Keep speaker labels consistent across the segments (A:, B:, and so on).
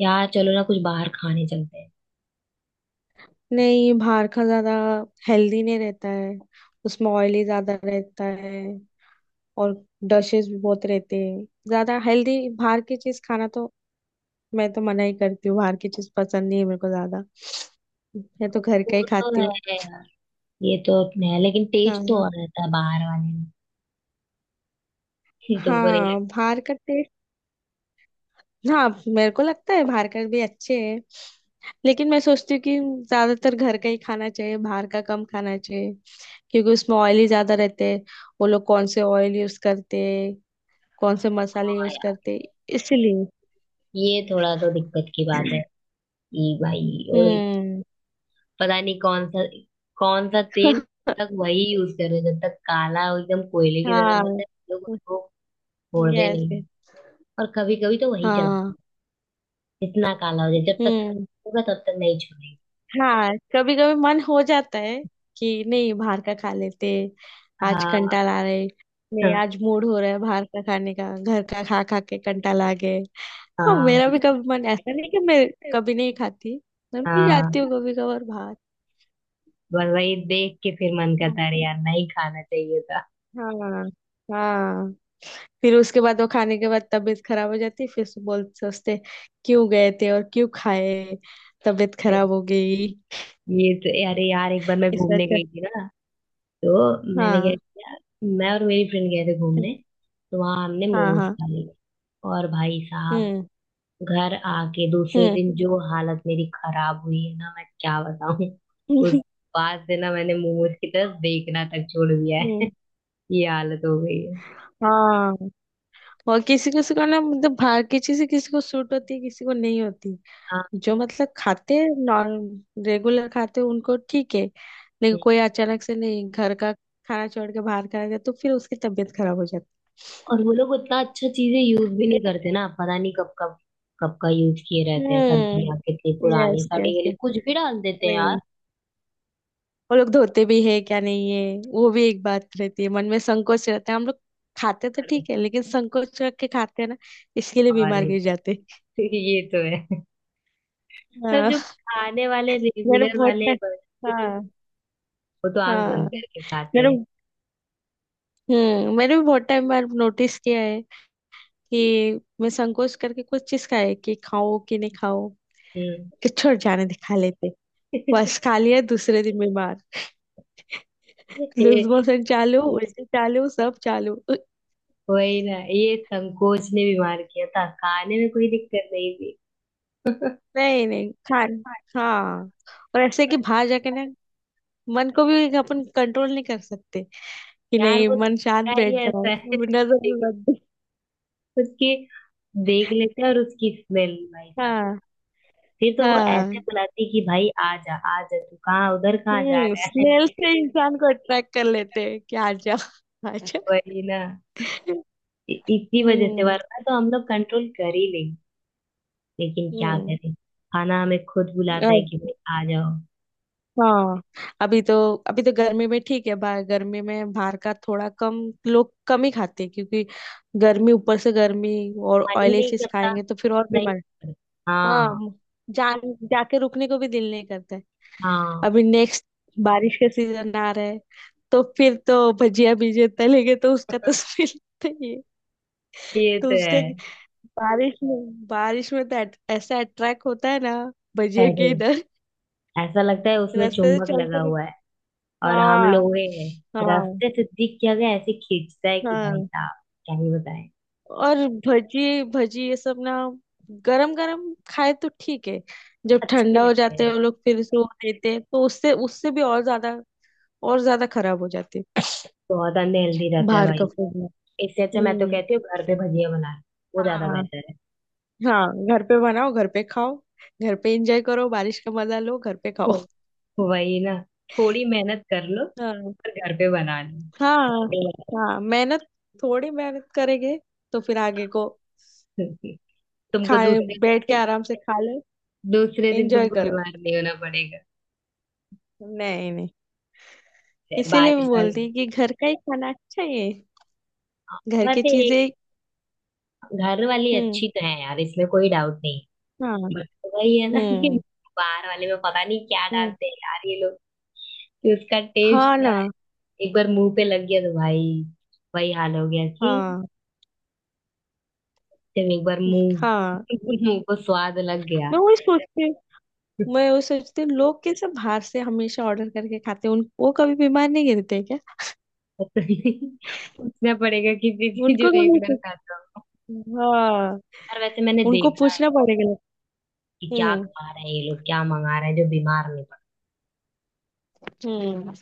A: यार चलो ना कुछ बाहर खाने चलते हैं।
B: नहीं, बाहर का ज्यादा हेल्दी नहीं रहता है। उसमें ऑयली ज्यादा रहता है। और डशेस भी बहुत रहते हैं, ज्यादा हेल्दी बाहर की चीज खाना तो। मैं तो मना ही करती हूँ, बाहर की चीज पसंद नहीं है मेरे को ज्यादा। मैं तो घर का ही
A: वो तो
B: खाती
A: है
B: हूँ।
A: यार। ये तो है लेकिन टेस्ट तो
B: हाँ।
A: और रहता है बाहर वाले में। तुमको नहीं
B: हाँ,
A: लगता?
B: बाहर का टेस्ट। हाँ, मेरे को लगता है बाहर का भी अच्छे है। लेकिन मैं सोचती हूँ कि ज्यादातर घर का ही खाना चाहिए, बाहर का कम खाना चाहिए। क्योंकि उसमें ऑयल ही ज्यादा रहते हैं। वो लोग कौन से ऑयल यूज करते हैं, कौन से मसाले
A: हाँ
B: यूज
A: यार,
B: करते। इसलिए।
A: ये थोड़ा तो दिक्कत की बात है ये भाई। और
B: हम्म
A: पता नहीं कौन सा कौन सा तेल तक वही यूज कर रहे हैं, जब तक काला हो, एकदम कोयले की तरह मिलता
B: हाँ।
A: है। लोग उसको छोड़ते
B: यस।
A: नहीं। और कभी कभी तो वही चलाते
B: हाँ।
A: हैं, इतना काला हो जाए, जब तक
B: हम्म
A: खत्म होगा तब तक नहीं छोड़ेंगे।
B: हाँ, कभी कभी मन हो जाता है कि नहीं, बाहर का खा लेते। आज
A: हाँ
B: कंटाल आ रहे। नहीं,
A: हाँ
B: आज मूड हो रहा है बाहर का खाने का, घर का खा खा के कंटाल आ गए। हाँ, मेरा भी कभी मन ऐसा नहीं कि मैं कभी नहीं खाती। मैं भी
A: हाँ,
B: जाती हूँ कभी कभार बाहर।
A: बस वही देख के फिर मन
B: हाँ।
A: करता है, अरे यार नहीं खाना चाहिए था।
B: हाँ। हाँ। फिर उसके बाद वो खाने के बाद तबीयत खराब हो जाती, फिर से बोल सोचते क्यों गए थे और क्यों खाए। तबीयत खराब हो गई।
A: ये तो, अरे यार एक बार मैं
B: इससे
A: घूमने
B: अच्छा।
A: गई थी ना। तो मैंने क्या
B: हाँ।
A: किया, मैं और मेरी फ्रेंड गए थे घूमने।
B: हम्म,
A: तो वहां हमने
B: हाँ।
A: मोमोज
B: हाँ।
A: खा लिए और भाई साहब,
B: हम्म
A: घर आके दूसरे
B: हम्म
A: दिन जो हालत मेरी खराब हुई है ना, मैं क्या बताऊं। उस बाद से ना, मैंने मोमोज की तरफ देखना तक छोड़ दिया है।
B: हम्म
A: ये हालत हो गई है।
B: हाँ। और किसी किसी को ना, मतलब बाहर की चीजें किसी को सूट होती है, किसी को नहीं होती। जो मतलब खाते हैं नॉर्म रेगुलर खाते हैं उनको ठीक है। लेकिन कोई
A: हाँ।
B: अचानक से नहीं घर का खाना छोड़ के बाहर खाना जाए तो फिर उसकी तबीयत खराब हो जाती है।
A: और वो लोग उतना अच्छा चीजें यूज भी नहीं
B: मेरे-
A: करते ना, पता नहीं कब कब कब का यूज किए रहते हैं,
B: हम्म
A: सब्जियां कितनी पुरानी
B: यस,
A: सड़ी
B: यस।
A: गली कुछ भी डाल देते हैं यार।
B: वही। वो लोग धोते भी है क्या नहीं है, वो भी एक बात रहती है, मन में संकोच रहता है। हम लोग खाते तो
A: अरे
B: ठीक है लेकिन संकोच रख के खाते हैं ना। इसके लिए
A: हाँ,
B: बीमार
A: नहीं
B: गिर
A: तो
B: जाते हैं।
A: ये तो है। पर
B: हाँ।
A: जो खाने वाले
B: मेरे
A: रेगुलर
B: बहुत
A: वाले
B: टाइम हाँ।
A: वो तो आंख बंद
B: हाँ।
A: करके खाते
B: मेरे
A: हैं।
B: मैंने भी बहुत टाइम बार नोटिस किया है कि मैं संकोच करके कुछ चीज खाए कि खाओ कि नहीं खाओ,
A: हम्म।
B: कि छोड़ जाने दे खा लेते। बस खा लिया, दूसरे दिन बीमार।
A: ये
B: लूज मोशन चालू, उल्टी चालू, सब चालू।
A: वही ना, ये संकोच ने बीमार किया था, खाने में कोई दिक्कत नहीं थी।
B: नहीं नहीं खान हाँ। और ऐसे कि बाहर जाके ना, मन को भी अपन कंट्रोल नहीं कर सकते कि
A: यार
B: नहीं
A: वो
B: मन शांत
A: दिखता ही
B: बैठ जाओ।
A: ऐसा है।
B: नजर में मत दे।
A: उसकी देख लेते हैं और उसकी स्मेल भाई साहब,
B: हाँ।
A: फिर तो वो ऐसे
B: हाँ।
A: बुलाती कि भाई आ जा आ जा, तू कहाँ, उधर कहाँ जा रहा है।
B: स्मेल से इंसान को अट्रैक्ट कर लेते हैं कि आ जा, आ जा।
A: वही ना। इसी वजह से
B: हम्म
A: वरना तो हम लोग कंट्रोल कर ही लेंगे। लेकिन क्या
B: हम्म
A: करें, खाना हमें खुद बुलाता है कि
B: और-
A: भाई आ जाओ।
B: हाँ। अभी तो अभी तो गर्मी में ठीक है, बाहर गर्मी में बाहर का थोड़ा कम लोग कम ही खाते हैं। क्योंकि गर्मी, ऊपर से गर्मी और
A: मन ही
B: ऑयली
A: नहीं
B: चीज
A: करता,
B: खाएंगे तो फिर और
A: नहीं
B: बीमार।
A: करता।
B: हाँ।
A: हाँ।
B: जान, जाके रुकने को भी दिल नहीं करता है।
A: हाँ
B: अभी नेक्स्ट बारिश का सीजन आ रहा है, तो फिर तो भजिया भीजे तलेंगे तो उसका तो स्मेल। तो ये,
A: ये
B: तो
A: तो
B: उसका
A: है।
B: कि- बारिश में तो ऐसा अट्रैक्ट होता है ना भजिया
A: अरे
B: के इधर।
A: ऐसा लगता है उसमें
B: रास्ते से
A: चुंबक लगा
B: चलते हुए-
A: हुआ है और हम
B: हाँ।
A: लोहे हैं।
B: हाँ।
A: रास्ते से दिख क्या गया, ऐसे खींचता है कि भाई
B: हाँ।
A: साहब क्या ही बताएं।
B: और भजी, भजी ये सब ना गरम गरम खाए तो ठीक है। जब
A: अच्छे
B: ठंडा
A: भी
B: हो
A: लगते
B: जाते
A: हैं।
B: हैं वो लोग फिर से वो देते हैं तो उससे उससे भी और ज्यादा खराब हो जाती।
A: बहुत अनहेल्दी रहता है
B: बाहर
A: भाई।
B: का फूड में।
A: इससे अच्छा मैं तो
B: हम्म
A: कहती हूँ, घर पे भजिया बना लो, वो ज्यादा
B: हाँ।
A: बेहतर है।
B: हाँ, घर पे बनाओ, घर पे खाओ। घर पे एंजॉय करो, बारिश का मजा लो, घर पे खाओ।
A: हो, वही ना, थोड़ी मेहनत कर लो,
B: हाँ।
A: पर घर पे बना लो।
B: हाँ। हाँ मेहनत, थोड़ी मेहनत करेंगे तो फिर आगे को
A: तुमको
B: खाए,
A: दूसरे
B: बैठ के
A: दिन,
B: आराम से खा लो,
A: दूसरे दिन
B: एंजॉय
A: तुमको
B: करो।
A: बीमार नहीं होना पड़ेगा।
B: नहीं, नहीं,
A: फिर
B: इसीलिए मैं
A: बारिश
B: बोलती
A: वाले।
B: हूँ कि घर का ही खाना अच्छा ही है। घर की
A: वैसे एक,
B: चीजें।
A: घर वाली
B: हम्म
A: अच्छी तो है यार, इसमें कोई डाउट नहीं।
B: हाँ।
A: बट वही है ना कि
B: हम्म
A: बाहर वाले में पता नहीं क्या
B: हम्म,
A: डालते हैं यार ये लोग, कि उसका टेस्ट
B: हाँ
A: ना
B: ना।
A: एक बार मुंह पे लग गया तो भाई वही हाल हो गया कि
B: हाँ।
A: जब एक बार मुंह
B: हाँ।
A: मुंह को स्वाद लग गया।
B: मैं वही सोचती हूँ, मैं वो सोचती हूँ लोग कैसे बाहर से हमेशा ऑर्डर करके खाते हैं, उन वो कभी बीमार नहीं गिरते क्या।
A: तो तुम्हें पूछना पड़ेगा किसी से जो
B: उनको कभी
A: रेगुलर
B: पूछ-
A: खाता हो।
B: हाँ,
A: यार वैसे मैंने
B: उनको
A: देखा है
B: पूछना पड़ेगा।
A: कि क्या
B: हम्म
A: खा रहे हैं ये लोग, क्या मंगा रहे हैं जो बीमार नहीं पड़ता।
B: हम्म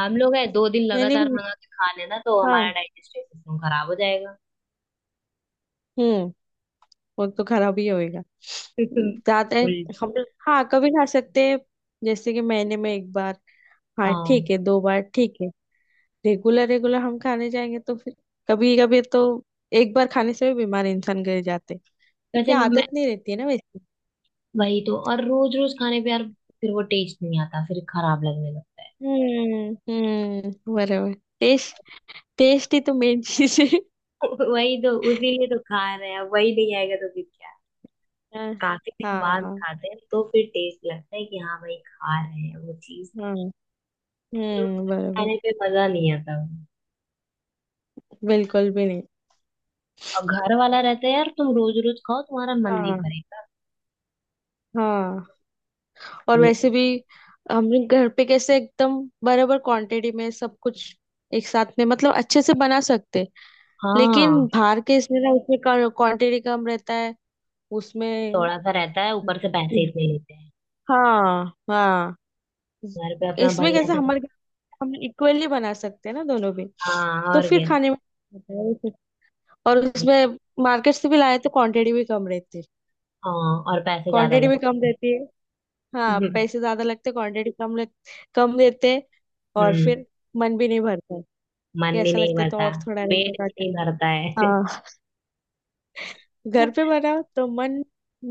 A: हम लोग है दो दिन
B: मैंने
A: लगातार
B: भी।
A: मंगा के खा लेना तो हमारा
B: हाँ।
A: डाइजेस्टिव सिस्टम खराब हो जाएगा।
B: हम्म वो तो खराब ही होएगा ज्यादा।
A: उल्ट-
B: हम। हाँ, कभी खा सकते हैं, जैसे कि महीने में एक बार। हाँ ठीक
A: हाँ।
B: है, दो बार ठीक है। रेगुलर रेगुलर हम खाने जाएंगे तो फिर कभी कभी तो एक बार खाने से भी बीमार इंसान गिर जाते हैं, क्योंकि
A: वैसे मैं,
B: आदत नहीं रहती है ना वैसे।
A: वही तो, और रोज रोज खाने पे यार फिर वो टेस्ट नहीं आता, फिर खराब लगने लगता
B: बरोबर। टेस्ट, टेस्ट ही तो मेन चीज आहे।
A: है। वही तो, उसीलिए तो खा रहे हैं, वही नहीं आएगा तो फिर क्या।
B: हा।
A: काफी दिन बाद
B: हाँ।
A: खाते हैं तो फिर टेस्ट लगता है कि हाँ भाई खा रहे हैं वो चीज।
B: हम्म
A: रोज
B: बरोबर।
A: खाने पे मजा नहीं आता।
B: बिल्कुल भी नहीं।
A: अब घर वाला रहता है यार, तुम रोज रोज खाओ तुम्हारा मन नहीं
B: हाँ।
A: भरेगा।
B: हाँ। और
A: ये
B: वैसे
A: तो।
B: भी हम लोग घर पे कैसे एकदम बराबर क्वांटिटी में सब कुछ एक साथ में, मतलब अच्छे से बना सकते। लेकिन
A: हाँ,
B: बाहर के इसमें ना उसमें क्वांटिटी कम रहता है उसमें।
A: थोड़ा सा रहता है, ऊपर से पैसे इतने लेते हैं।
B: हाँ। हाँ।
A: घर पे अपना
B: इसमें
A: बढ़िया
B: कैसे
A: से।
B: हमारे घर में हम इक्वली बना सकते हैं ना दोनों भी।
A: हाँ
B: तो
A: और
B: फिर
A: क्या।
B: खाने में होता है उसे। और उसमें मार्केट से भी लाए तो क्वांटिटी भी कम रहती है।
A: हाँ और पैसे ज्यादा
B: क्वांटिटी भी कम
A: लगते
B: रहती है। हाँ,
A: हैं।
B: पैसे ज्यादा लगते, क्वांटिटी कम लग, कम देते हैं। और
A: हम्म।
B: फिर मन भी नहीं भरता है,
A: मन
B: कि
A: भी
B: ऐसा
A: नहीं
B: लगता है तो
A: भरता,
B: और थोड़ा रहता
A: पेट भी
B: जाता।
A: नहीं भरता है।
B: हाँ, घर पे बनाओ तो मन,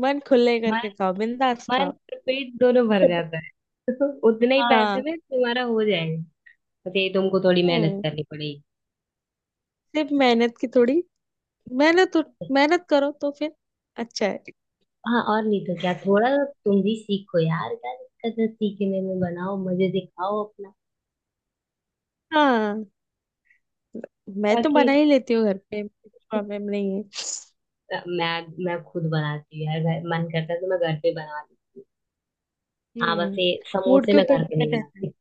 B: मन खुले
A: मन
B: करके खाओ, बिंदास
A: मन
B: खाओ।
A: और पेट दोनों भर जाता है, उतने ही पैसे
B: हाँ।
A: में तुम्हारा हो जाएगा। तो ये तुमको थोड़ी मेहनत
B: हम्म
A: करनी पड़ेगी।
B: सिर्फ मेहनत की थोड़ी मेहनत, मेहनत करो तो फिर अच्छा है।
A: हाँ और नहीं तो क्या, थोड़ा तुम भी सीखो यार, क्या दिक्कत है सीखने में, बनाओ मजे से खाओ अपना।
B: हाँ, मैं तो
A: ताकि
B: बना ही लेती हूँ घर पे, प्रॉब्लम नहीं है।
A: मैं मैं खुद बनाती हूँ यार, मन करता है तो मैं घर पे बना लूँ। हाँ, बस
B: हम्म
A: ये
B: मूड
A: समोसे
B: के
A: मैं
B: ऊपर
A: घर पे नहीं
B: डिपेंड रहता है।
A: बनाती,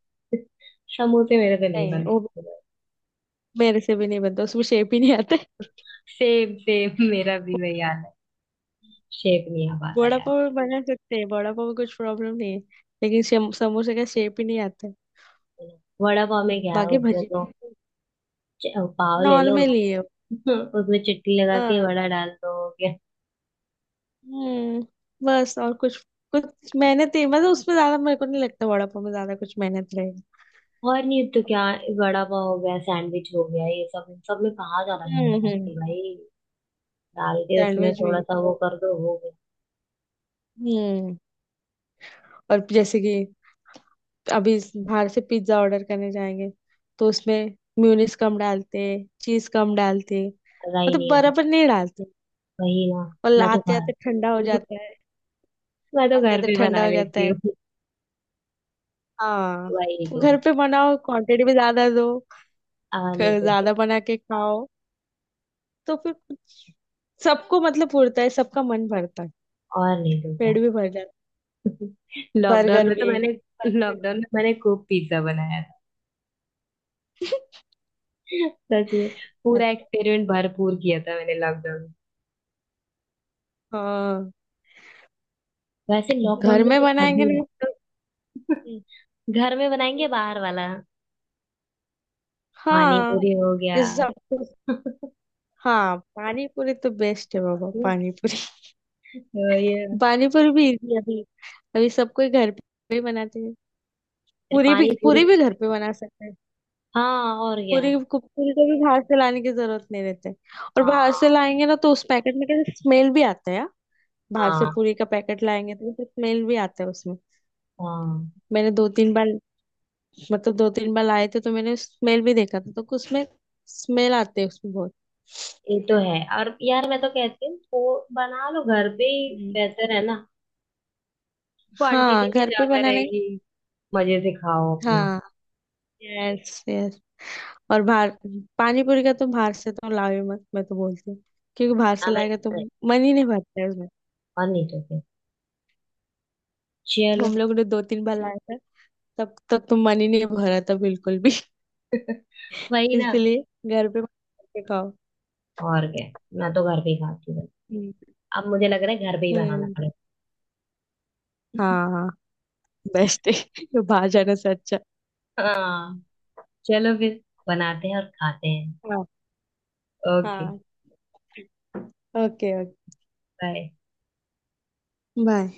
A: समोसे मेरे से नहीं
B: नहीं, वो
A: बनते।
B: मेरे से भी नहीं बनता, उसमें शेप ही नहीं आता है।
A: सेम सेम मेरा भी वही हाल है। शेप नहीं आ पाता
B: वड़ा
A: यार।
B: पाव भी बना सकते हैं, वड़ा पाव में कुछ प्रॉब्लम नहीं है। लेकिन समोसे का शेप ही नहीं आता
A: वड़ा पाव
B: है।
A: में क्या है,
B: बाकी
A: उसमें
B: भजी
A: तो च- पाव ले लो,
B: नॉर्मल ही है।
A: उसमें चटनी लगा
B: हाँ।
A: के वड़ा डाल दो, हो गया।
B: हम्म बस और कुछ, कुछ मेहनत ही, मतलब उसमें ज्यादा मेरे को नहीं लगता वड़ा पाव में ज्यादा कुछ मेहनत रहेगी।
A: और नहीं तो क्या, वड़ा पाव हो गया, सैंडविच हो गया, ये सब, इन सब में कहाँ ज्यादा
B: हम्म
A: मेहनत
B: हम्म
A: लगती है भाई। डाल के उसमें
B: सैंडविच भी।
A: थोड़ा सा वो कर दो, हो गया।
B: हम्म और जैसे कि अभी बाहर से पिज्जा ऑर्डर करने जाएंगे तो उसमें म्यूनिस कम डालते, चीज कम डालते,
A: मजा ही
B: मतलब
A: नहीं आता।
B: बराबर नहीं डालते।
A: वही ना।
B: और
A: मैं तो
B: आते
A: घर
B: आते ठंडा हो जाता है।
A: मैं तो
B: आते
A: घर
B: आते
A: पे
B: ठंडा
A: बना
B: हो जाता
A: लेती
B: है।
A: हूँ।
B: हाँ।
A: वही
B: तो
A: तो,
B: घर पे बनाओ, क्वांटिटी भी ज्यादा दो,
A: और नहीं तो क्या।
B: ज्यादा बना के खाओ तो फिर सबको, मतलब पूरता है, सबका मन भरता है,
A: और नहीं तो क्या।
B: पेट भी भर जाता है।
A: लॉकडाउन
B: बर्गर
A: में तो
B: भी,
A: मैंने
B: बर्गर।
A: लॉकडाउन में मैंने खूब पिज्जा बनाया। सच में। पूरा
B: अच्छा।
A: एक्सपेरिमेंट भरपूर किया था मैंने लॉकडाउन में।
B: हाँ,
A: वैसे लॉकडाउन
B: घर
A: में
B: में
A: तो
B: बनाएंगे
A: अभी,
B: ना तो।
A: घर में बनाएंगे, बाहर वाला पानी
B: हाँ।
A: पूरी हो गया।
B: जैसे सब, हाँ पानी पूरी तो बेस्ट है बाबा,
A: हम्म,
B: पानी पूरी।
A: तो ये।
B: पानी पूरी भी इजी है। अभी अभी सब कोई घर पे ही बनाते हैं।
A: फिर
B: पूरी
A: पानी
B: भी पूरी
A: पूरी।
B: भी घर पे बना सकते हैं।
A: हाँ और क्या।
B: पूरी को भी बाहर से लाने की जरूरत नहीं रहती। और बाहर से
A: हाँ
B: लाएंगे ना तो उस पैकेट में कैसे स्मेल भी आता है यार। बाहर से
A: हाँ।
B: पूरी का पैकेट लाएंगे तो कैसे स्मेल भी आता है उसमें।
A: हाँ
B: मैंने दो तीन बार, मतलब दो तीन बार लाए थे तो मैंने स्मेल भी देखा था, तो उसमें स्मेल आते है उसमें बहुत।
A: ये तो है, और यार मैं तो कहती हूँ वो बना लो, घर पे ही
B: हम्म।
A: बेहतर है ना, क्वांटिटी
B: हाँ,
A: भी
B: घर पे
A: ज्यादा
B: बनाने।
A: रहेगी, मजे से खाओ अपना।
B: हाँ। यस। और बाहर, पानी पूरी का तो बाहर से तो लाओ ही मत मैं तो बोलती हूँ। क्योंकि बाहर से
A: हाँ मैं,
B: लाएगा तो मन ही नहीं भरता है उसमें।
A: और नहीं तो क्या। चलो,
B: हम लोग ने दो तीन बार लाया था, तब तक तो मन ही नहीं भरा था बिल्कुल भी।
A: वही ना,
B: इसलिए घर पे बना के खाओ।
A: और क्या, मैं तो घर पे ही खाती हूँ।
B: हम्म
A: अब मुझे लग रहा है घर पे ही बनाना
B: हम्म,
A: पड़ेगा।
B: हाँ। हाँ, बेस्ट है बाहर जाने से अच्छा।
A: हाँ चलो फिर, बनाते हैं और खाते हैं।
B: हाँ।
A: ओके।
B: हाँ, ओके, ओके।
A: बाय।
B: बाय।